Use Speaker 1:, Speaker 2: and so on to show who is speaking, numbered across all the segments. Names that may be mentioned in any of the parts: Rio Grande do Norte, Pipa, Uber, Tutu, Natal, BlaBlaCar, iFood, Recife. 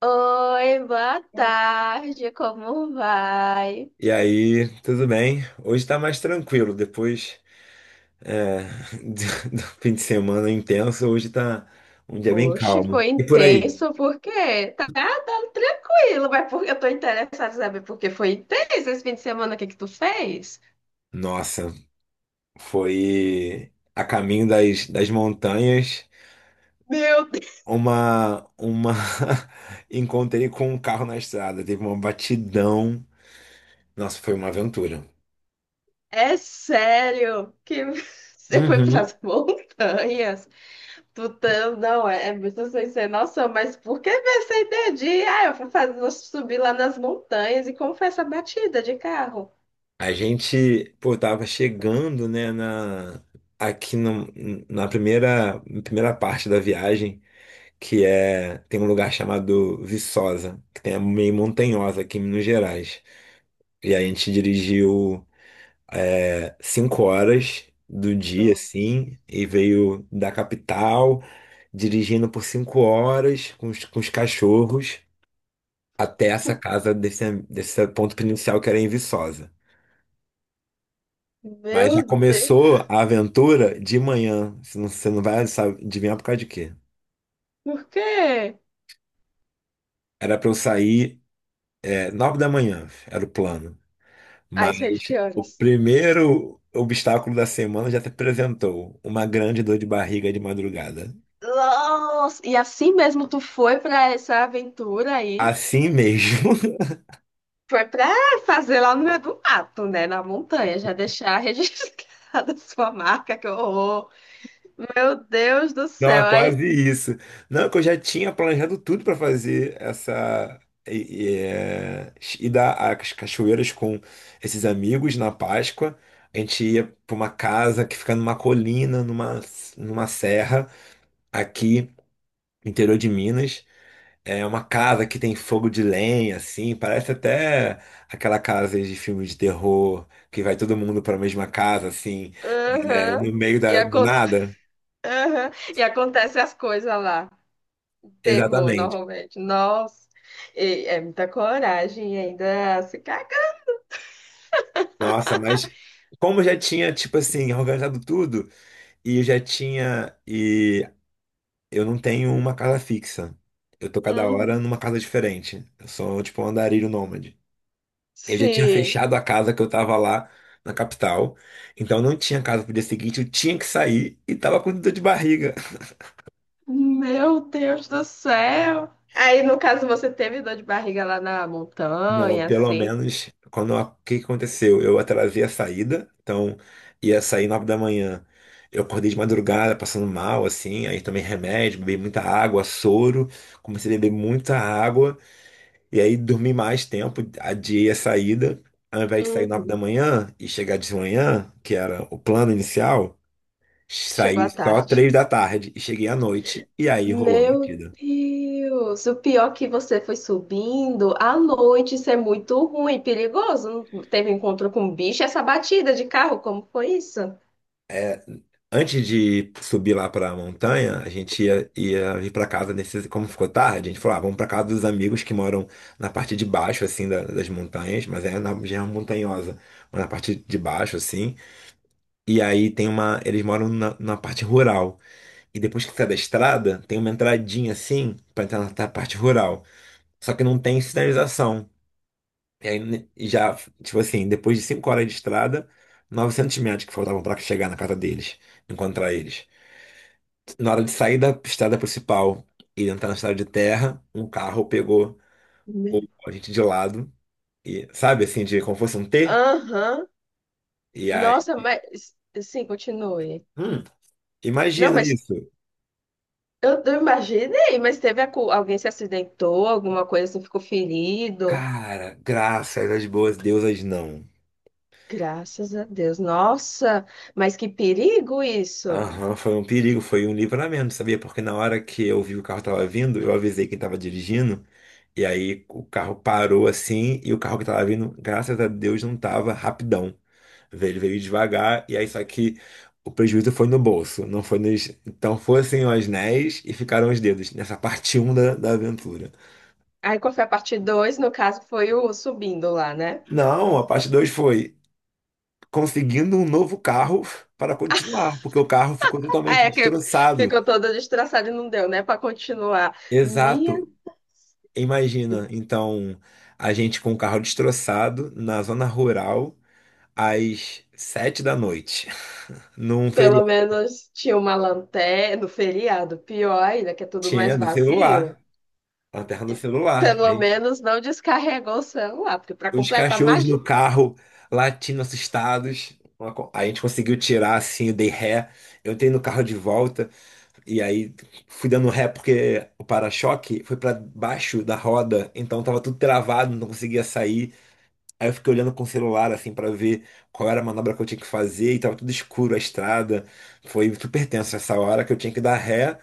Speaker 1: Oi, boa tarde, como vai?
Speaker 2: E aí, tudo bem? Hoje tá mais tranquilo, depois é, do fim de semana intenso, hoje tá um dia bem
Speaker 1: Oxe,
Speaker 2: calmo.
Speaker 1: foi
Speaker 2: E por aí?
Speaker 1: intenso, por quê? Tá, tá tranquilo, mas porque eu tô interessada em saber por que foi intenso esse fim de semana, o que que tu fez?
Speaker 2: Nossa, foi a caminho das montanhas,
Speaker 1: Meu Deus,
Speaker 2: uma, uma... Encontrei com um carro na estrada, teve uma batidão. Nossa, foi uma aventura.
Speaker 1: é sério que você foi
Speaker 2: Uhum.
Speaker 1: pras montanhas? Não, é muito sem ser noção, mas por que essa ideia de, ah, eu vou fazer, vou subir lá nas montanhas e como foi essa batida de carro?
Speaker 2: A gente, pô, tava chegando, né, na... Aqui no- na primeira parte da viagem, que tem um lugar chamado Viçosa, que tem é meio montanhosa aqui em Minas Gerais. E aí a gente dirigiu cinco horas do dia,
Speaker 1: Não.
Speaker 2: assim, e veio da capital, dirigindo por 5 horas com os cachorros até essa casa desse ponto inicial que era em Viçosa. Mas já
Speaker 1: Meu Deus,
Speaker 2: começou a aventura de manhã. Você não vai sabe, adivinhar por causa de quê.
Speaker 1: por quê?
Speaker 2: Era pra eu sair nove da manhã, era o plano.
Speaker 1: Aí
Speaker 2: Mas
Speaker 1: saiu de que
Speaker 2: o
Speaker 1: horas?
Speaker 2: primeiro obstáculo da semana já se apresentou, uma grande dor de barriga de madrugada.
Speaker 1: Nossa! E assim mesmo tu foi pra essa aventura aí?
Speaker 2: Assim mesmo.
Speaker 1: Foi pra fazer lá no meio do mato, né? Na montanha, já deixar registrada a sua marca, que horror! Meu Deus do
Speaker 2: Não,
Speaker 1: céu!
Speaker 2: é
Speaker 1: Aí,
Speaker 2: quase isso. Não, que eu já tinha planejado tudo para fazer essa e, e, é, ir dar as cachoeiras com esses amigos na Páscoa. A gente ia para uma casa que fica numa colina, numa serra, aqui, interior de Minas. É uma casa que tem fogo de lenha, assim, parece até aquela casa de filme de terror, que vai todo mundo para a mesma casa, assim,
Speaker 1: aham,
Speaker 2: no meio
Speaker 1: e,
Speaker 2: da, do
Speaker 1: acon-
Speaker 2: nada.
Speaker 1: aham, e acontece as coisas lá. Terror,
Speaker 2: Exatamente.
Speaker 1: normalmente. Nossa! E é muita coragem e ainda se caga.
Speaker 2: Nossa, mas como eu já tinha, tipo assim, organizado tudo, e eu já tinha, e eu não tenho uma casa fixa. Eu tô cada hora
Speaker 1: Uhum.
Speaker 2: numa casa diferente. Eu sou, tipo, um andarilho nômade. Eu já tinha
Speaker 1: Sim.
Speaker 2: fechado a casa que eu tava lá na capital, então não tinha casa pro dia seguinte, eu tinha que sair e tava com dor de barriga.
Speaker 1: Meu Deus do céu! Aí, no caso, você teve dor de barriga lá na
Speaker 2: Não,
Speaker 1: montanha,
Speaker 2: pelo
Speaker 1: assim?
Speaker 2: menos o que que aconteceu? Eu atrasei a saída, então ia sair 9 da manhã. Eu acordei de madrugada passando mal, assim, aí tomei remédio, bebi muita água, soro, comecei a beber muita água, e aí dormi mais tempo, adiei a saída. Ao invés de sair nove da
Speaker 1: Uhum.
Speaker 2: manhã e chegar de manhã, que era o plano inicial,
Speaker 1: Chegou à
Speaker 2: Saí só
Speaker 1: tarde.
Speaker 2: 3 da tarde e cheguei à noite, e aí rolou a
Speaker 1: Meu
Speaker 2: batida.
Speaker 1: Deus! O pior é que você foi subindo à noite, isso é muito ruim, perigoso. Não teve encontro com bicho, essa batida de carro, como foi isso?
Speaker 2: Antes de subir lá pra montanha, a gente ia ir pra casa nesse. Como ficou tarde, a gente falou: ah, vamos pra casa dos amigos que moram na parte de baixo, assim, das montanhas, mas é na região montanhosa, mas na parte de baixo, assim. E aí tem uma. Eles moram na parte rural. E depois que sai da estrada, tem uma entradinha, assim, pra entrar na parte rural. Só que não tem sinalização. E aí né, já, tipo assim, depois de 5 horas de estrada, 900 metros que faltavam para chegar na casa deles, encontrar eles. Na hora de sair da estrada principal e entrar na estrada de terra, um carro pegou o-
Speaker 1: Me-
Speaker 2: a gente de lado, e sabe assim, de como fosse um T?
Speaker 1: Aham.
Speaker 2: E aí,
Speaker 1: Nossa, mas. Sim, continue.
Speaker 2: hum,
Speaker 1: Não,
Speaker 2: imagina
Speaker 1: mas
Speaker 2: isso.
Speaker 1: eu imaginei, mas teve alguém se acidentou, alguma coisa assim, ficou ferido.
Speaker 2: Cara, graças às boas deusas, não.
Speaker 1: Graças a Deus. Nossa, mas que perigo isso.
Speaker 2: Aham, foi um perigo, foi um livramento, sabia? Porque na hora que eu vi o carro tava vindo, eu avisei quem tava dirigindo, e aí o carro parou assim, e o carro que tava vindo, graças a Deus, não tava rapidão. Ele veio devagar, e aí só que o prejuízo foi no bolso, não foi nos. Então foram assim os anéis e ficaram os dedos, nessa parte um da aventura.
Speaker 1: Aí qual foi a parte dois? No caso, foi o subindo lá, né?
Speaker 2: Não, a parte 2 foi conseguindo um novo carro para continuar, porque o carro ficou
Speaker 1: Ah,
Speaker 2: totalmente
Speaker 1: é que
Speaker 2: destroçado.
Speaker 1: ficou toda destraçada e não deu, né? Para continuar. Minha,
Speaker 2: Exato. Imagina, então, a gente com o carro destroçado na zona rural às 7 da noite, num
Speaker 1: pelo
Speaker 2: feriado.
Speaker 1: menos tinha uma lanterna no feriado. Pior ainda, que é tudo mais
Speaker 2: Tinha do
Speaker 1: vazio.
Speaker 2: celular, na terra do celular.
Speaker 1: Pelo
Speaker 2: Aí,
Speaker 1: menos não descarregou o celular, porque para
Speaker 2: os
Speaker 1: completar,
Speaker 2: cachorros
Speaker 1: imagina.
Speaker 2: no carro latindo, assustados. A gente conseguiu tirar assim, eu dei ré. Eu entrei no carro de volta e aí fui dando ré porque o para-choque foi para baixo da roda, então tava tudo travado, não conseguia sair. Aí eu fiquei olhando com o celular, assim, pra ver qual era a manobra que eu tinha que fazer, e tava tudo escuro, a estrada. Foi super tenso essa hora que eu tinha que dar ré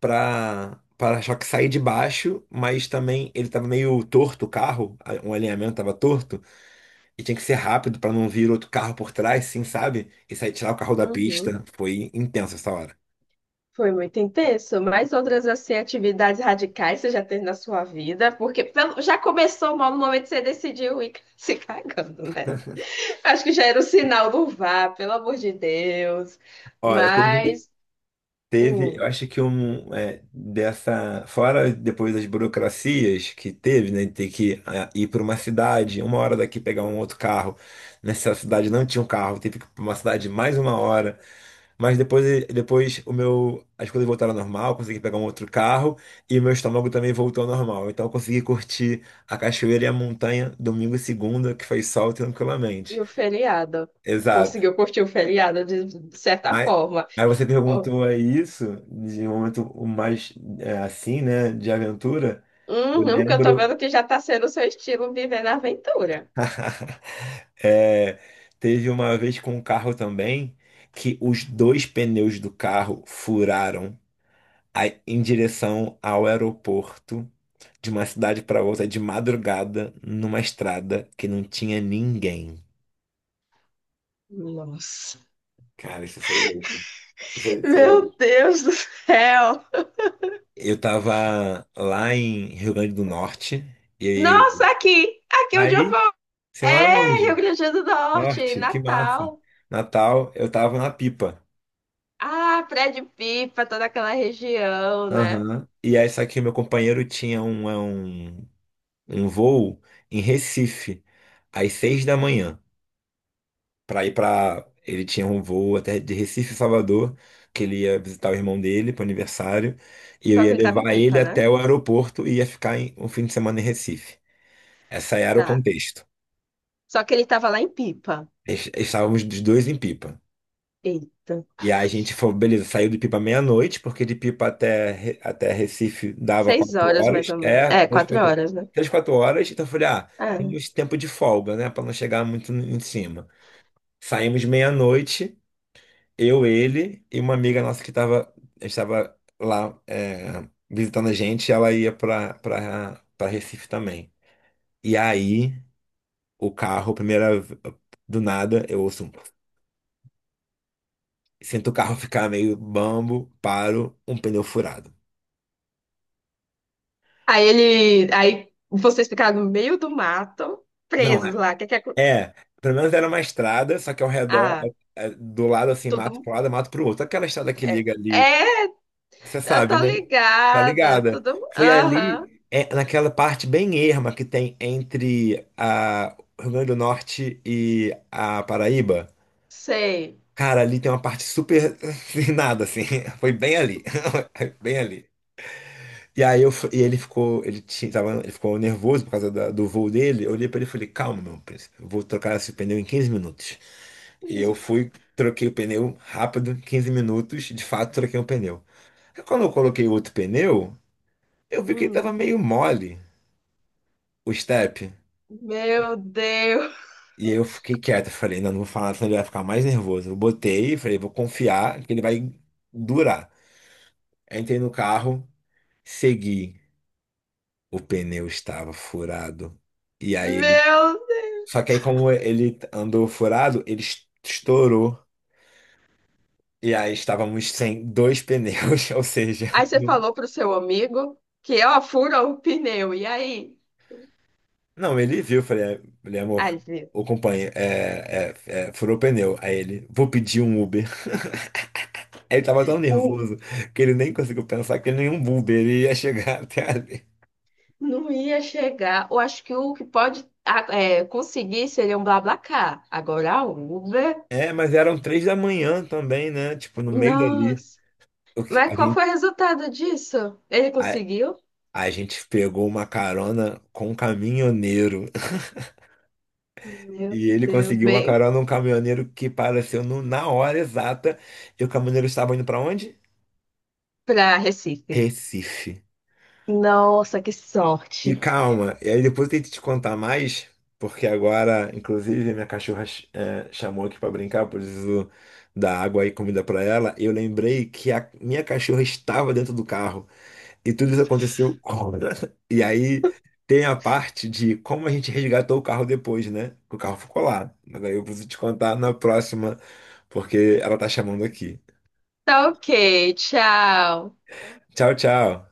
Speaker 2: pra para-choque sair de baixo, mas também ele tava meio torto o carro, um alinhamento tava torto, e tinha que ser rápido pra não vir outro carro por trás, assim, sabe? E sair tirar o carro da pista. Foi intenso essa hora.
Speaker 1: Foi muito intenso. Mais outras assim, atividades radicais você já teve na sua vida? Porque já começou mal no momento que você decidiu ir se cagando, né? Acho que já era o sinal do vá, pelo amor de Deus.
Speaker 2: Olha, teve.
Speaker 1: Mas,
Speaker 2: Teve, eu
Speaker 1: hum,
Speaker 2: acho que um dessa, fora depois das burocracias que teve, né? De ter que ir para uma cidade, uma hora daqui pegar um outro carro. Nessa cidade não tinha um carro, teve que ir para uma cidade mais uma hora. Mas depois, as coisas voltaram ao normal, consegui pegar um outro carro e o meu estômago também voltou ao normal. Então eu consegui curtir a cachoeira e a montanha domingo e segunda, que foi sol tranquilamente.
Speaker 1: e o feriado?
Speaker 2: Exato.
Speaker 1: Conseguiu curtir o feriado de certa
Speaker 2: Mas,
Speaker 1: forma?
Speaker 2: aí você
Speaker 1: Oh,
Speaker 2: perguntou aí isso, de um momento mais assim, né, de aventura. Eu
Speaker 1: uhum, porque eu tô vendo
Speaker 2: lembro,
Speaker 1: que já tá sendo o seu estilo viver na aventura.
Speaker 2: é, teve uma vez com um carro também, que os dois pneus do carro furaram aí em direção ao aeroporto, de uma cidade para outra, de madrugada, numa estrada que não tinha ninguém.
Speaker 1: Nossa.
Speaker 2: Cara, isso foi louco. Isso aí foi louco.
Speaker 1: Meu Deus do céu!
Speaker 2: Eu tava lá em Rio Grande do Norte, e
Speaker 1: Nossa, aqui! Aqui onde eu
Speaker 2: aí. Você mora
Speaker 1: É, Rio
Speaker 2: onde?
Speaker 1: Grande do Norte,
Speaker 2: Norte, que massa.
Speaker 1: Natal.
Speaker 2: Natal, eu tava na Pipa.
Speaker 1: Ah, Prédio de Pipa, toda aquela região, né?
Speaker 2: Aham. E aí, só que meu companheiro tinha um voo em Recife, às 6 da manhã, pra ir pra. Ele tinha um voo até de Recife, a Salvador, que ele ia visitar o irmão dele pro aniversário, e eu
Speaker 1: Só que
Speaker 2: ia
Speaker 1: ele tava em
Speaker 2: levar ele
Speaker 1: Pipa, né?
Speaker 2: até o aeroporto e ia ficar em, um fim de semana em Recife. Essa era o
Speaker 1: Tá.
Speaker 2: contexto.
Speaker 1: Só que ele tava lá em Pipa.
Speaker 2: Estávamos os dois em Pipa.
Speaker 1: Eita.
Speaker 2: E aí a gente foi, beleza, saiu de Pipa meia-noite, porque de Pipa até Recife dava
Speaker 1: Seis
Speaker 2: quatro
Speaker 1: horas, mais
Speaker 2: horas.
Speaker 1: ou menos.
Speaker 2: É,
Speaker 1: É,
Speaker 2: três,
Speaker 1: quatro
Speaker 2: quatro,
Speaker 1: horas, né?
Speaker 2: três, quatro horas. Então eu falei, ah,
Speaker 1: É.
Speaker 2: temos tempo de folga, né? Pra não chegar muito em cima. Saímos meia-noite, eu, ele e uma amiga nossa que estava lá visitando a gente, ela ia pra Recife também. E aí, o carro, primeira, do nada, eu ouço, sinto o carro ficar meio bambo, paro, um pneu furado.
Speaker 1: Aí ele. Aí vocês ficaram no meio do mato,
Speaker 2: Não,
Speaker 1: presos
Speaker 2: é.
Speaker 1: lá. Que é,
Speaker 2: É, pelo menos era uma estrada, só que ao redor,
Speaker 1: ah,
Speaker 2: do lado assim, mato
Speaker 1: tudo.
Speaker 2: para um lado, mato para o outro. Aquela estrada que
Speaker 1: É.
Speaker 2: liga ali,
Speaker 1: É,
Speaker 2: você
Speaker 1: eu
Speaker 2: sabe,
Speaker 1: tô
Speaker 2: né? Tá
Speaker 1: ligada.
Speaker 2: ligada.
Speaker 1: Tudo.
Speaker 2: Foi
Speaker 1: Aham,
Speaker 2: ali, naquela parte bem erma que tem entre a o Rio Grande do Norte e a Paraíba.
Speaker 1: sei.
Speaker 2: Cara, ali tem uma parte super sem nada, assim. Foi bem ali. Bem ali. E aí eu, fu- e ele ficou, ele tinha, tava, ele ficou nervoso por causa do voo dele. Eu olhei pra ele e falei, calma, meu príncipe, eu vou trocar esse pneu em 15 minutos. E eu troquei o pneu rápido, 15 minutos, de fato troquei o pneu. Aí quando eu coloquei outro pneu, eu vi que ele tava
Speaker 1: Hum.
Speaker 2: meio mole, o step.
Speaker 1: Meu Deus.
Speaker 2: E aí eu fiquei quieto, falei, não, não vou falar nada, senão ele vai ficar mais nervoso. Eu falei, vou confiar que ele vai durar. Aí entrei no carro, segui. O pneu estava furado. E aí ele.
Speaker 1: Meu
Speaker 2: Só que aí, como ele andou furado, ele estourou. E aí estávamos sem dois pneus, ou seja.
Speaker 1: Aí você falou pro seu amigo que, ó, fura o pneu. E aí?
Speaker 2: Não, ele viu, eu falei, "É, falei, amor,
Speaker 1: Aí, vê,
Speaker 2: o companheiro furou o pneu. Aí ele, vou pedir um Uber. ele tava tão
Speaker 1: o,
Speaker 2: nervoso que ele nem conseguiu pensar que nenhum Uber ele ia chegar até ali.
Speaker 1: não ia chegar. Eu acho que o que pode ah, conseguir seria um BlaBlaCar. Agora a Uber,
Speaker 2: É, mas eram 3 da manhã também, né? Tipo, no meio dali.
Speaker 1: nossa. Mas
Speaker 2: A
Speaker 1: qual
Speaker 2: gente,
Speaker 1: foi o resultado disso? Ele
Speaker 2: a,
Speaker 1: conseguiu?
Speaker 2: a gente pegou uma carona com um caminhoneiro.
Speaker 1: Meu
Speaker 2: E ele
Speaker 1: Deus,
Speaker 2: conseguiu uma
Speaker 1: bem
Speaker 2: carona, um caminhoneiro que apareceu na hora exata. E o caminhoneiro estava indo para onde?
Speaker 1: pra Recife.
Speaker 2: Recife.
Speaker 1: Nossa, que
Speaker 2: E
Speaker 1: sorte.
Speaker 2: calma, e aí depois eu tento te contar mais, porque agora, inclusive, minha cachorra chamou aqui pra brincar, eu preciso dar água e comida pra ela. Eu lembrei que a minha cachorra estava dentro do carro e tudo isso aconteceu. E aí tem a parte de como a gente resgatou o carro depois, né? Que o carro ficou lá. Mas aí eu preciso te contar na próxima, porque ela tá chamando aqui.
Speaker 1: Tá, ok, tchau.
Speaker 2: Tchau, tchau.